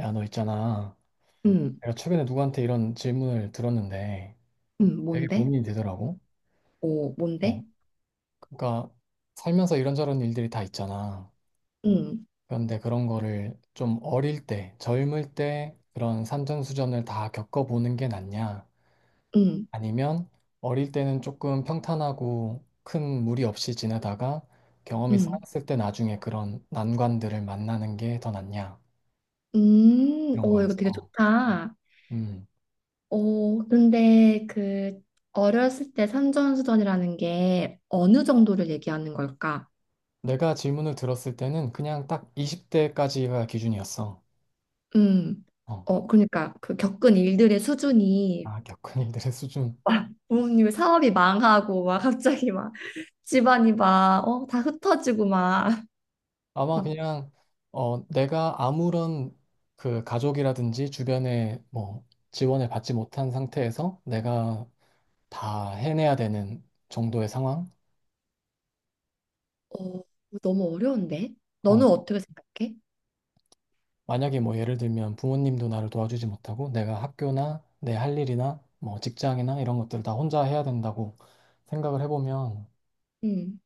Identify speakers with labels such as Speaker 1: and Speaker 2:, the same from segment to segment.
Speaker 1: 야, 너 있잖아.
Speaker 2: 음.
Speaker 1: 내가 최근에 누구한테 이런 질문을 들었는데 되게
Speaker 2: 뭔데?
Speaker 1: 고민이 되더라고.
Speaker 2: 오,
Speaker 1: 어,
Speaker 2: 뭔데?
Speaker 1: 그러니까 살면서 이런저런 일들이 다 있잖아.
Speaker 2: 음.
Speaker 1: 그런데 그런 거를 좀 어릴 때, 젊을 때 그런 산전수전을 다 겪어보는 게 낫냐?
Speaker 2: 음.
Speaker 1: 아니면 어릴 때는 조금 평탄하고 큰 무리 없이 지내다가 경험이
Speaker 2: 음.
Speaker 1: 쌓였을 때 나중에 그런 난관들을 만나는 게 더 낫냐?
Speaker 2: 음.
Speaker 1: 이런
Speaker 2: 오, 이거 되게
Speaker 1: 거였어.
Speaker 2: 좋다.
Speaker 1: 음.
Speaker 2: 오, 근데 그 어렸을 때 산전수전이라는 게 어느 정도를 얘기하는 걸까?
Speaker 1: 내가 질문을 들었을 때는 그냥 딱 20대까지가 기준이었어.
Speaker 2: 음.
Speaker 1: 어,
Speaker 2: 그러니까 그 겪은 일들의 수준이
Speaker 1: 아, 격언이들의 수준.
Speaker 2: 막 부모님의 사업이 망하고 막 갑자기 막 집안이 막, 다 흩어지고 막,
Speaker 1: 아마
Speaker 2: 막.
Speaker 1: 그냥 내가 아무런 그 가족이라든지 주변에 뭐 지원을 받지 못한 상태에서 내가 다 해내야 되는 정도의 상황?
Speaker 2: 어, 너무 어려운데?
Speaker 1: 그런
Speaker 2: 너는
Speaker 1: 거.
Speaker 2: 어떻게 생각해?
Speaker 1: 만약에 뭐 예를 들면 부모님도 나를 도와주지 못하고 내가 학교나 내 할 일이나 뭐 직장이나 이런 것들을 다 혼자 해야 된다고 생각을 해보면
Speaker 2: 음.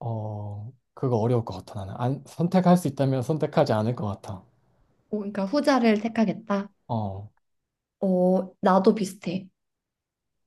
Speaker 1: 그거 어려울 것 같아, 나는. 안, 선택할 수 있다면 선택하지 않을 것 같아.
Speaker 2: 어, 그러니까 후자를 택하겠다.
Speaker 1: 어,
Speaker 2: 어, 나도 비슷해.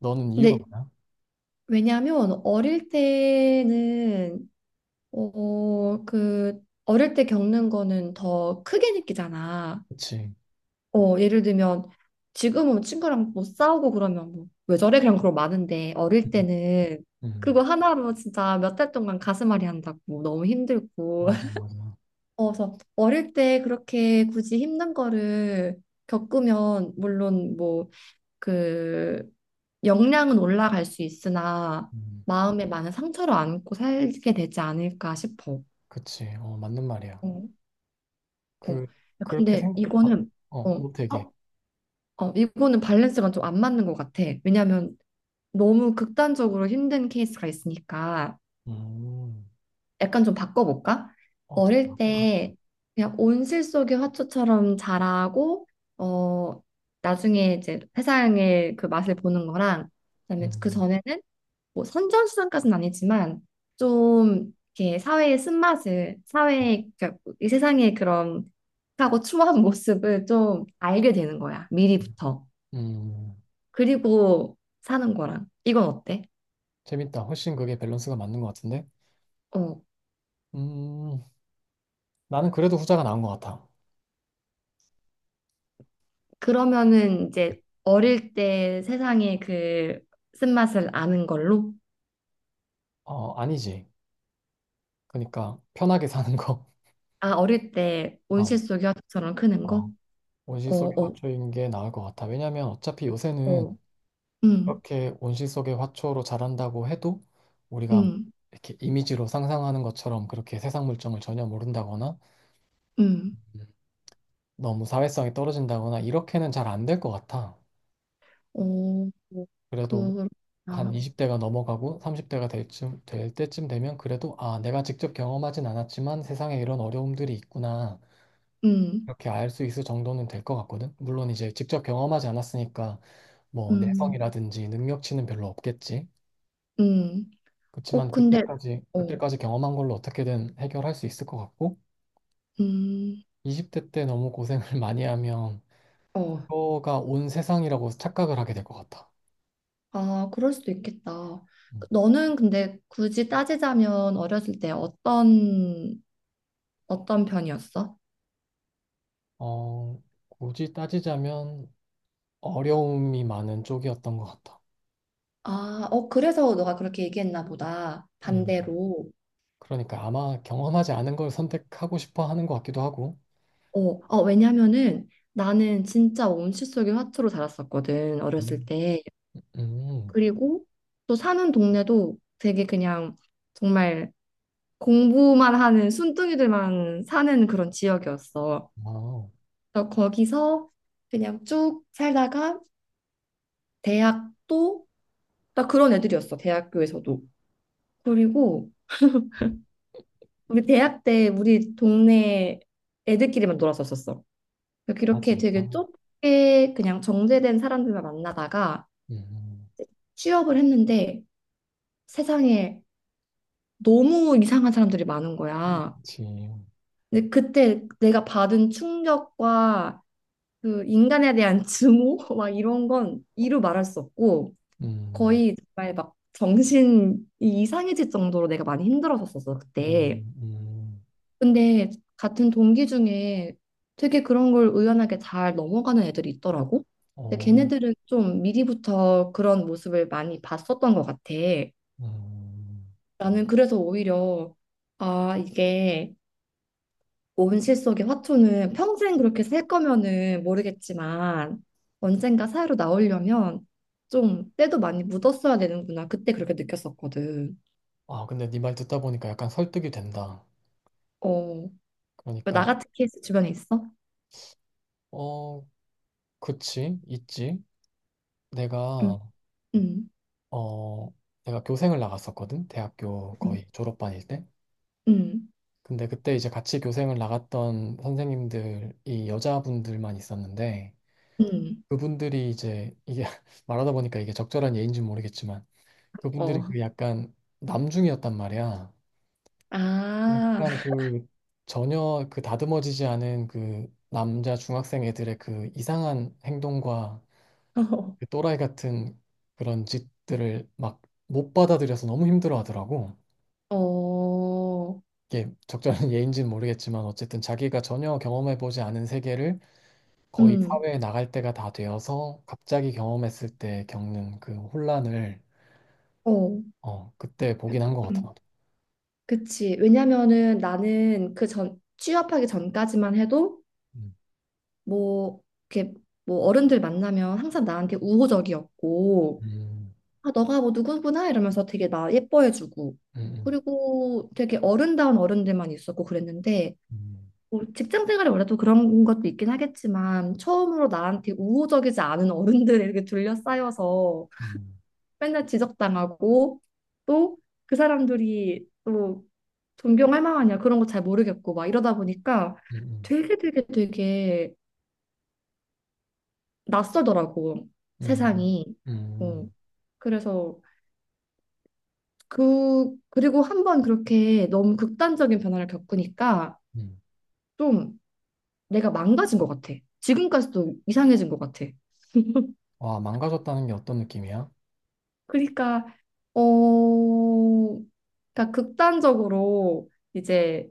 Speaker 1: 너는 이유가
Speaker 2: 근데
Speaker 1: 뭐야?
Speaker 2: 왜냐하면 어릴 때는 그 어릴 때 겪는 거는 더 크게 느끼잖아.
Speaker 1: 그치.
Speaker 2: 어, 예를 들면 지금은 친구랑 뭐 싸우고 그러면 뭐 왜 저래? 그냥 그런 거 많은데 어릴
Speaker 1: 음,
Speaker 2: 때는
Speaker 1: 음,
Speaker 2: 그거 하나로 진짜 몇 달 동안 가슴앓이 한다고 뭐 너무 힘들고.
Speaker 1: 맞아, 맞아.
Speaker 2: 어, 그래서 어릴 때 그렇게 굳이 힘든 거를 겪으면 물론 뭐그 역량은 올라갈 수 있으나
Speaker 1: 음,
Speaker 2: 마음에 많은 상처를 안고 살게 되지 않을까 싶어.
Speaker 1: 그치. 맞는 말이야.
Speaker 2: 어. 어.
Speaker 1: 그,
Speaker 2: 야,
Speaker 1: 그렇게
Speaker 2: 근데
Speaker 1: 생각, 아,
Speaker 2: 이거는 어,
Speaker 1: 어, 너 되게.
Speaker 2: 어, 어, 이거는 밸런스가 좀 안 맞는 것 같아. 왜냐하면 너무 극단적으로 힘든 케이스가 있으니까
Speaker 1: 음,
Speaker 2: 약간 좀 바꿔볼까?
Speaker 1: 어떻게
Speaker 2: 어릴
Speaker 1: 할까?
Speaker 2: 때 그냥 온실 속의 화초처럼 자라고, 어, 나중에 이제 세상의 그 맛을 보는 거랑 그다음에 그
Speaker 1: 음,
Speaker 2: 전에는 뭐 선전수단까지는 아니지만 좀 이렇게 사회의 쓴맛을 사회의 그러니까 이 세상의 그런 하고 추모한 모습을 좀 알게 되는 거야 미리부터.
Speaker 1: 음,
Speaker 2: 그리고 사는 거랑 이건 어때?
Speaker 1: 재밌다. 훨씬 그게 밸런스가 맞는 것 같은데?
Speaker 2: 어,
Speaker 1: 음, 나는 그래도 후자가 나은 것 같아.
Speaker 2: 그러면은 이제 어릴 때 세상의 그 쓴맛을 아는 걸로.
Speaker 1: 아니지. 그러니까, 편하게 사는 거.
Speaker 2: 아, 어릴 때 온실
Speaker 1: 어,
Speaker 2: 속의 화초처럼 크는 거?
Speaker 1: 어. 온실
Speaker 2: 어.
Speaker 1: 속의
Speaker 2: 어.
Speaker 1: 화초인 게 나을 것 같아. 왜냐면 어차피 요새는
Speaker 2: 어. 음.
Speaker 1: 이렇게 온실 속의 화초로 자란다고 해도 우리가 뭐
Speaker 2: 음.
Speaker 1: 이렇게 이미지로 상상하는 것처럼 그렇게 세상 물정을 전혀 모른다거나
Speaker 2: 음.
Speaker 1: 음. 너무 사회성이 떨어진다거나 이렇게는 잘 안 될 것 같아.
Speaker 2: 어. 그
Speaker 1: 그래도 한
Speaker 2: 그렇구나
Speaker 1: 20대가 넘어가고 30대가 될 때쯤 되면 그래도 아, 내가 직접 경험하진 않았지만 세상에 이런 어려움들이 있구나.
Speaker 2: 음.
Speaker 1: 이렇게 알 수 있을 정도는 될 것 같거든. 물론 이제 직접 경험하지 않았으니까 뭐
Speaker 2: 음.
Speaker 1: 내성이라든지 능력치는 별로 없겠지.
Speaker 2: 음. 꼭
Speaker 1: 그렇지만
Speaker 2: 근데.
Speaker 1: 그때까지
Speaker 2: 어.
Speaker 1: 그때까지 경험한 걸로 어떻게든 해결할 수 있을 것 같고
Speaker 2: 음.
Speaker 1: 20대 때 너무 고생을 많이 하면
Speaker 2: 어.
Speaker 1: 이거가 온 세상이라고 착각을 하게 될 것 같아.
Speaker 2: 아, 그럴 수도 있겠다.
Speaker 1: 음.
Speaker 2: 너는 근데 굳이 따지자면 어렸을 때 어떤 편이었어?
Speaker 1: 어, 굳이 따지자면 어려움이 많은 쪽이었던 것 같아.
Speaker 2: 아, 그래서 너가 그렇게 얘기했나 보다.
Speaker 1: 음.
Speaker 2: 반대로.
Speaker 1: 그러니까 아마 경험하지 않은 걸 선택하고 싶어 하는 것 같기도 하고.
Speaker 2: 어. 왜냐면은 나는 진짜 온실 속의 화초로 자랐었거든, 어렸을
Speaker 1: 음.
Speaker 2: 때.
Speaker 1: 음.
Speaker 2: 그리고 또 사는 동네도 되게 그냥 정말 공부만 하는 순둥이들만 사는 그런 지역이었어.
Speaker 1: 아
Speaker 2: 그래서 거기서 그냥 쭉 살다가 대학도 딱 그런 애들이었어. 대학교에서도. 그리고 우리 대학 때 우리 동네 애들끼리만 놀았었었어. 그러니까
Speaker 1: 아,
Speaker 2: 그렇게
Speaker 1: 진짜.
Speaker 2: 되게 좁게 그냥 정제된 사람들만 만나다가
Speaker 1: 음,
Speaker 2: 취업을 했는데 세상에 너무 이상한 사람들이 많은 거야.
Speaker 1: 그치.
Speaker 2: 근데 그때 내가 받은 충격과 그 인간에 대한 증오, 막 이런 건 이루 말할 수 없고
Speaker 1: 음,
Speaker 2: 거의 정말 막 정신이 이상해질 정도로 내가 많이 힘들었었어, 그때.
Speaker 1: 음,
Speaker 2: 근데 같은 동기 중에 되게 그런 걸 의연하게 잘 넘어가는 애들이 있더라고. 근데
Speaker 1: 어,
Speaker 2: 걔네들은 좀 미리부터 그런 모습을 많이 봤었던 것 같아.
Speaker 1: 음.
Speaker 2: 나는 그래서 오히려, 아, 이게 온실 속의 화초는 평생 그렇게 살 거면은 모르겠지만 언젠가 사회로 나오려면 좀 때도 많이 묻었어야 되는구나. 그때 그렇게 느꼈었거든.
Speaker 1: 아, 근데 네 말 듣다 보니까 약간 설득이 된다.
Speaker 2: 어,
Speaker 1: 그러니까,
Speaker 2: 나 같은 케이스 주변에 있어?
Speaker 1: 어, 그치, 있지.
Speaker 2: 응.
Speaker 1: 내가,
Speaker 2: 응.
Speaker 1: 어, 내가 교생을 나갔었거든. 대학교
Speaker 2: 응.
Speaker 1: 거의 졸업반일 때.
Speaker 2: 응.
Speaker 1: 근데 그때 이제 같이 교생을 나갔던 선생님들이 여자분들만 있었는데,
Speaker 2: 응.
Speaker 1: 그분들이 이제, 이게 말하다 보니까 이게 적절한 예인지 모르겠지만, 그분들이
Speaker 2: 어.
Speaker 1: 그 약간 남중이었단 말이야.
Speaker 2: 아.
Speaker 1: 약간 그 전혀 그 다듬어지지 않은 그 남자 중학생 애들의 그 이상한 행동과 그 또라이 같은 그런 짓들을 막 못 받아들여서 너무 힘들어 하더라고.
Speaker 2: 어.
Speaker 1: 이게 적절한 예인지는 모르겠지만 어쨌든 자기가 전혀 경험해보지 않은 세계를 거의
Speaker 2: 응.
Speaker 1: 사회에 나갈 때가 다 되어서 갑자기 경험했을 때 겪는 그 혼란을
Speaker 2: 어.
Speaker 1: 그때 보긴 한 것 같아.
Speaker 2: 음.
Speaker 1: 나도.
Speaker 2: 그치. 왜냐면은 나는 그 전, 취업하기 전까지만 해도,
Speaker 1: 음,
Speaker 2: 뭐, 이렇게 뭐 어른들 만나면 항상 나한테 우호적이었고,
Speaker 1: 음,
Speaker 2: 아, 너가 뭐 누구구나 이러면서 되게 나 예뻐해주고,
Speaker 1: 음,
Speaker 2: 그리고 되게 어른다운 어른들만 있었고 그랬는데,
Speaker 1: 음,
Speaker 2: 뭐 직장 생활이 원래 또 그런 것도 있긴 하겠지만 처음으로 나한테 우호적이지 않은 어른들에게 둘러싸여서
Speaker 1: 음,
Speaker 2: 맨날 지적당하고 또 그 사람들이 또 존경할 만하냐 그런 거 잘 모르겠고 막 이러다 보니까
Speaker 1: 음,
Speaker 2: 되게 되게 되게 낯설더라고,
Speaker 1: 음,
Speaker 2: 세상이. 어,
Speaker 1: 음.
Speaker 2: 그래서 그리고 한번 그렇게 너무 극단적인 변화를 겪으니까
Speaker 1: 음.
Speaker 2: 좀 내가 망가진 것 같아. 지금까지도 이상해진 것 같아.
Speaker 1: 와, 망가졌다는 게 어떤 느낌이야?
Speaker 2: 그러니까 어, 그러니까 극단적으로 이제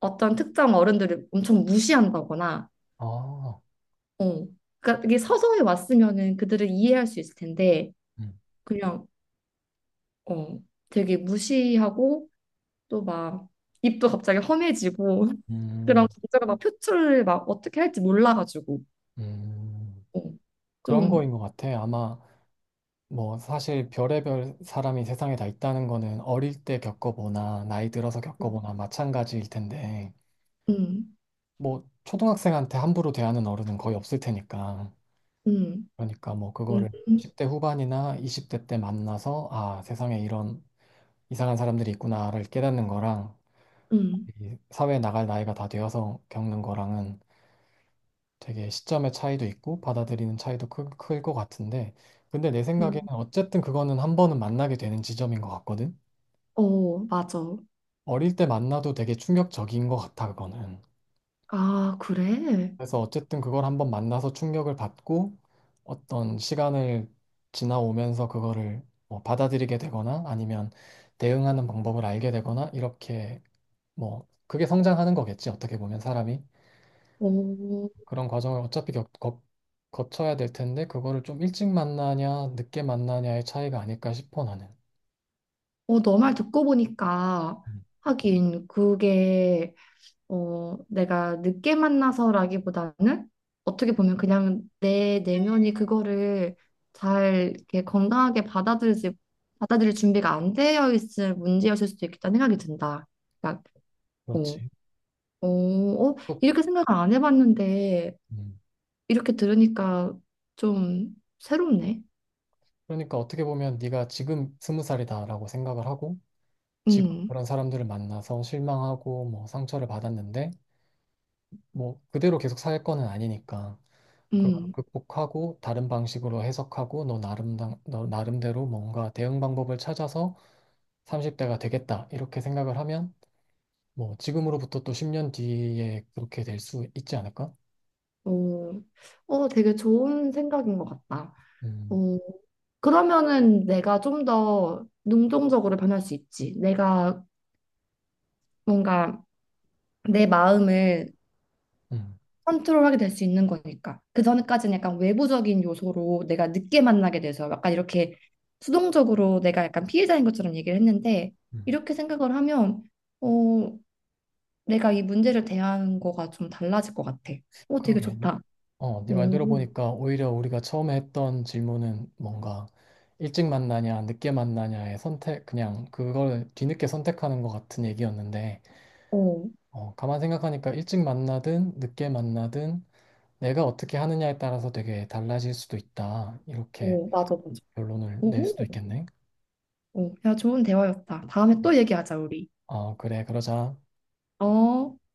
Speaker 2: 어떤 특정 어른들을 엄청 무시한다거나,
Speaker 1: 아,
Speaker 2: 어, 그러니까 이게 서서히 왔으면은 그들을 이해할 수 있을 텐데
Speaker 1: 음,
Speaker 2: 그냥 어, 되게 무시하고 또 막 입도 갑자기 험해지고
Speaker 1: 음,
Speaker 2: 그런 감정을 막 표출을 막 어떻게 할지 몰라가지고,
Speaker 1: 음.
Speaker 2: 어,
Speaker 1: 그런
Speaker 2: 좀.
Speaker 1: 거인 것 같아. 아마 뭐 사실 별의별 사람이 세상에 다 있다는 거는 어릴 때 겪어보나 나이 들어서 겪어보나 마찬가지일 텐데
Speaker 2: 음.
Speaker 1: 뭐 초등학생한테 함부로 대하는 어른은 거의 없을 테니까.
Speaker 2: 음.
Speaker 1: 그러니까 뭐
Speaker 2: 음. 음.
Speaker 1: 그거를
Speaker 2: 음.
Speaker 1: 10대 후반이나 20대 때 만나서 아, 세상에 이런 이상한 사람들이 있구나를 깨닫는 거랑
Speaker 2: 음.
Speaker 1: 이 사회에 나갈 나이가 다 되어서 겪는 거랑은 되게 시점의 차이도 있고 받아들이는 차이도 클 것 같은데 근데 내
Speaker 2: 음.
Speaker 1: 생각에는 어쨌든 그거는 한 번은 만나게 되는 지점인 것 같거든.
Speaker 2: 어, 맞아.
Speaker 1: 어릴 때 만나도 되게 충격적인 것 같아 그거는.
Speaker 2: 아, 그래?
Speaker 1: 그래서 어쨌든 그걸 한번 만나서 충격을 받고 어떤 시간을 지나오면서 그거를 뭐 받아들이게 되거나 아니면 대응하는 방법을 알게 되거나 이렇게 뭐 그게 성장하는 거겠지 어떻게 보면 사람이.
Speaker 2: 어.
Speaker 1: 그런 과정을 어차피 거쳐야 될 텐데 그거를 좀 일찍 만나냐 늦게 만나냐의 차이가 아닐까 싶어 나는.
Speaker 2: 너 말 듣고 보니까
Speaker 1: 음,
Speaker 2: 하긴 그게 내가 늦게 만나서라기보다는 어떻게 보면 그냥 내 내면이 그거를 잘 이렇게 건강하게 받아들이지 받아들일 준비가 안 되어 있을 문제였을 수도 있겠다는 생각이 든다. 그러니까, 어,
Speaker 1: 그렇지.
Speaker 2: 어,
Speaker 1: 또,
Speaker 2: 이렇게 생각을 안 해봤는데
Speaker 1: 음,
Speaker 2: 이렇게 들으니까 좀 새롭네.
Speaker 1: 그러니까 어떻게 보면 네가 지금 스무 살이다라고 생각을 하고 지금
Speaker 2: 음.
Speaker 1: 그런 사람들을 만나서 실망하고 뭐 상처를 받았는데 뭐 그대로 계속 살 거는 아니니까 그걸
Speaker 2: 음.
Speaker 1: 극복하고 다른 방식으로 해석하고 너 나름대로 뭔가 대응 방법을 찾아서 30대가 되겠다 이렇게 생각을 하면 뭐 지금으로부터 또 10년 뒤에 그렇게 될 수 있지 않을까?
Speaker 2: 어. 되게 좋은 생각인 것 같다.
Speaker 1: 음,
Speaker 2: 어, 그러면은 내가 좀 더 능동적으로 변할 수 있지. 내가 뭔가 내 마음을
Speaker 1: 음,
Speaker 2: 컨트롤하게 될 수 있는 거니까. 그 전까지는 약간 외부적인 요소로 내가 늦게 만나게 돼서 약간 이렇게 수동적으로 내가 약간 피해자인 것처럼 얘기를 했는데,
Speaker 1: 음.
Speaker 2: 이렇게 생각을 하면 어, 내가 이 문제를 대하는 거가 좀 달라질 것 같아. 오, 되게
Speaker 1: 그러게.
Speaker 2: 좋다.
Speaker 1: 네
Speaker 2: 오,
Speaker 1: 말대로 보니까 오히려 우리가 처음에 했던 질문은 뭔가 일찍 만나냐, 늦게 만나냐의 선택, 그냥 그걸 뒤늦게 선택하는 것 같은 얘기였는데,
Speaker 2: 오,
Speaker 1: 가만 생각하니까 일찍 만나든 늦게 만나든 내가 어떻게 하느냐에 따라서 되게 달라질 수도 있다. 이렇게
Speaker 2: 오, 맞아, 맞아.
Speaker 1: 결론을 낼
Speaker 2: 오,
Speaker 1: 수도 있겠네.
Speaker 2: 오, 야, 좋은 대화였다. 다음에 또 얘기하자, 우리.
Speaker 1: 어, 그래, 그러자.
Speaker 2: 어.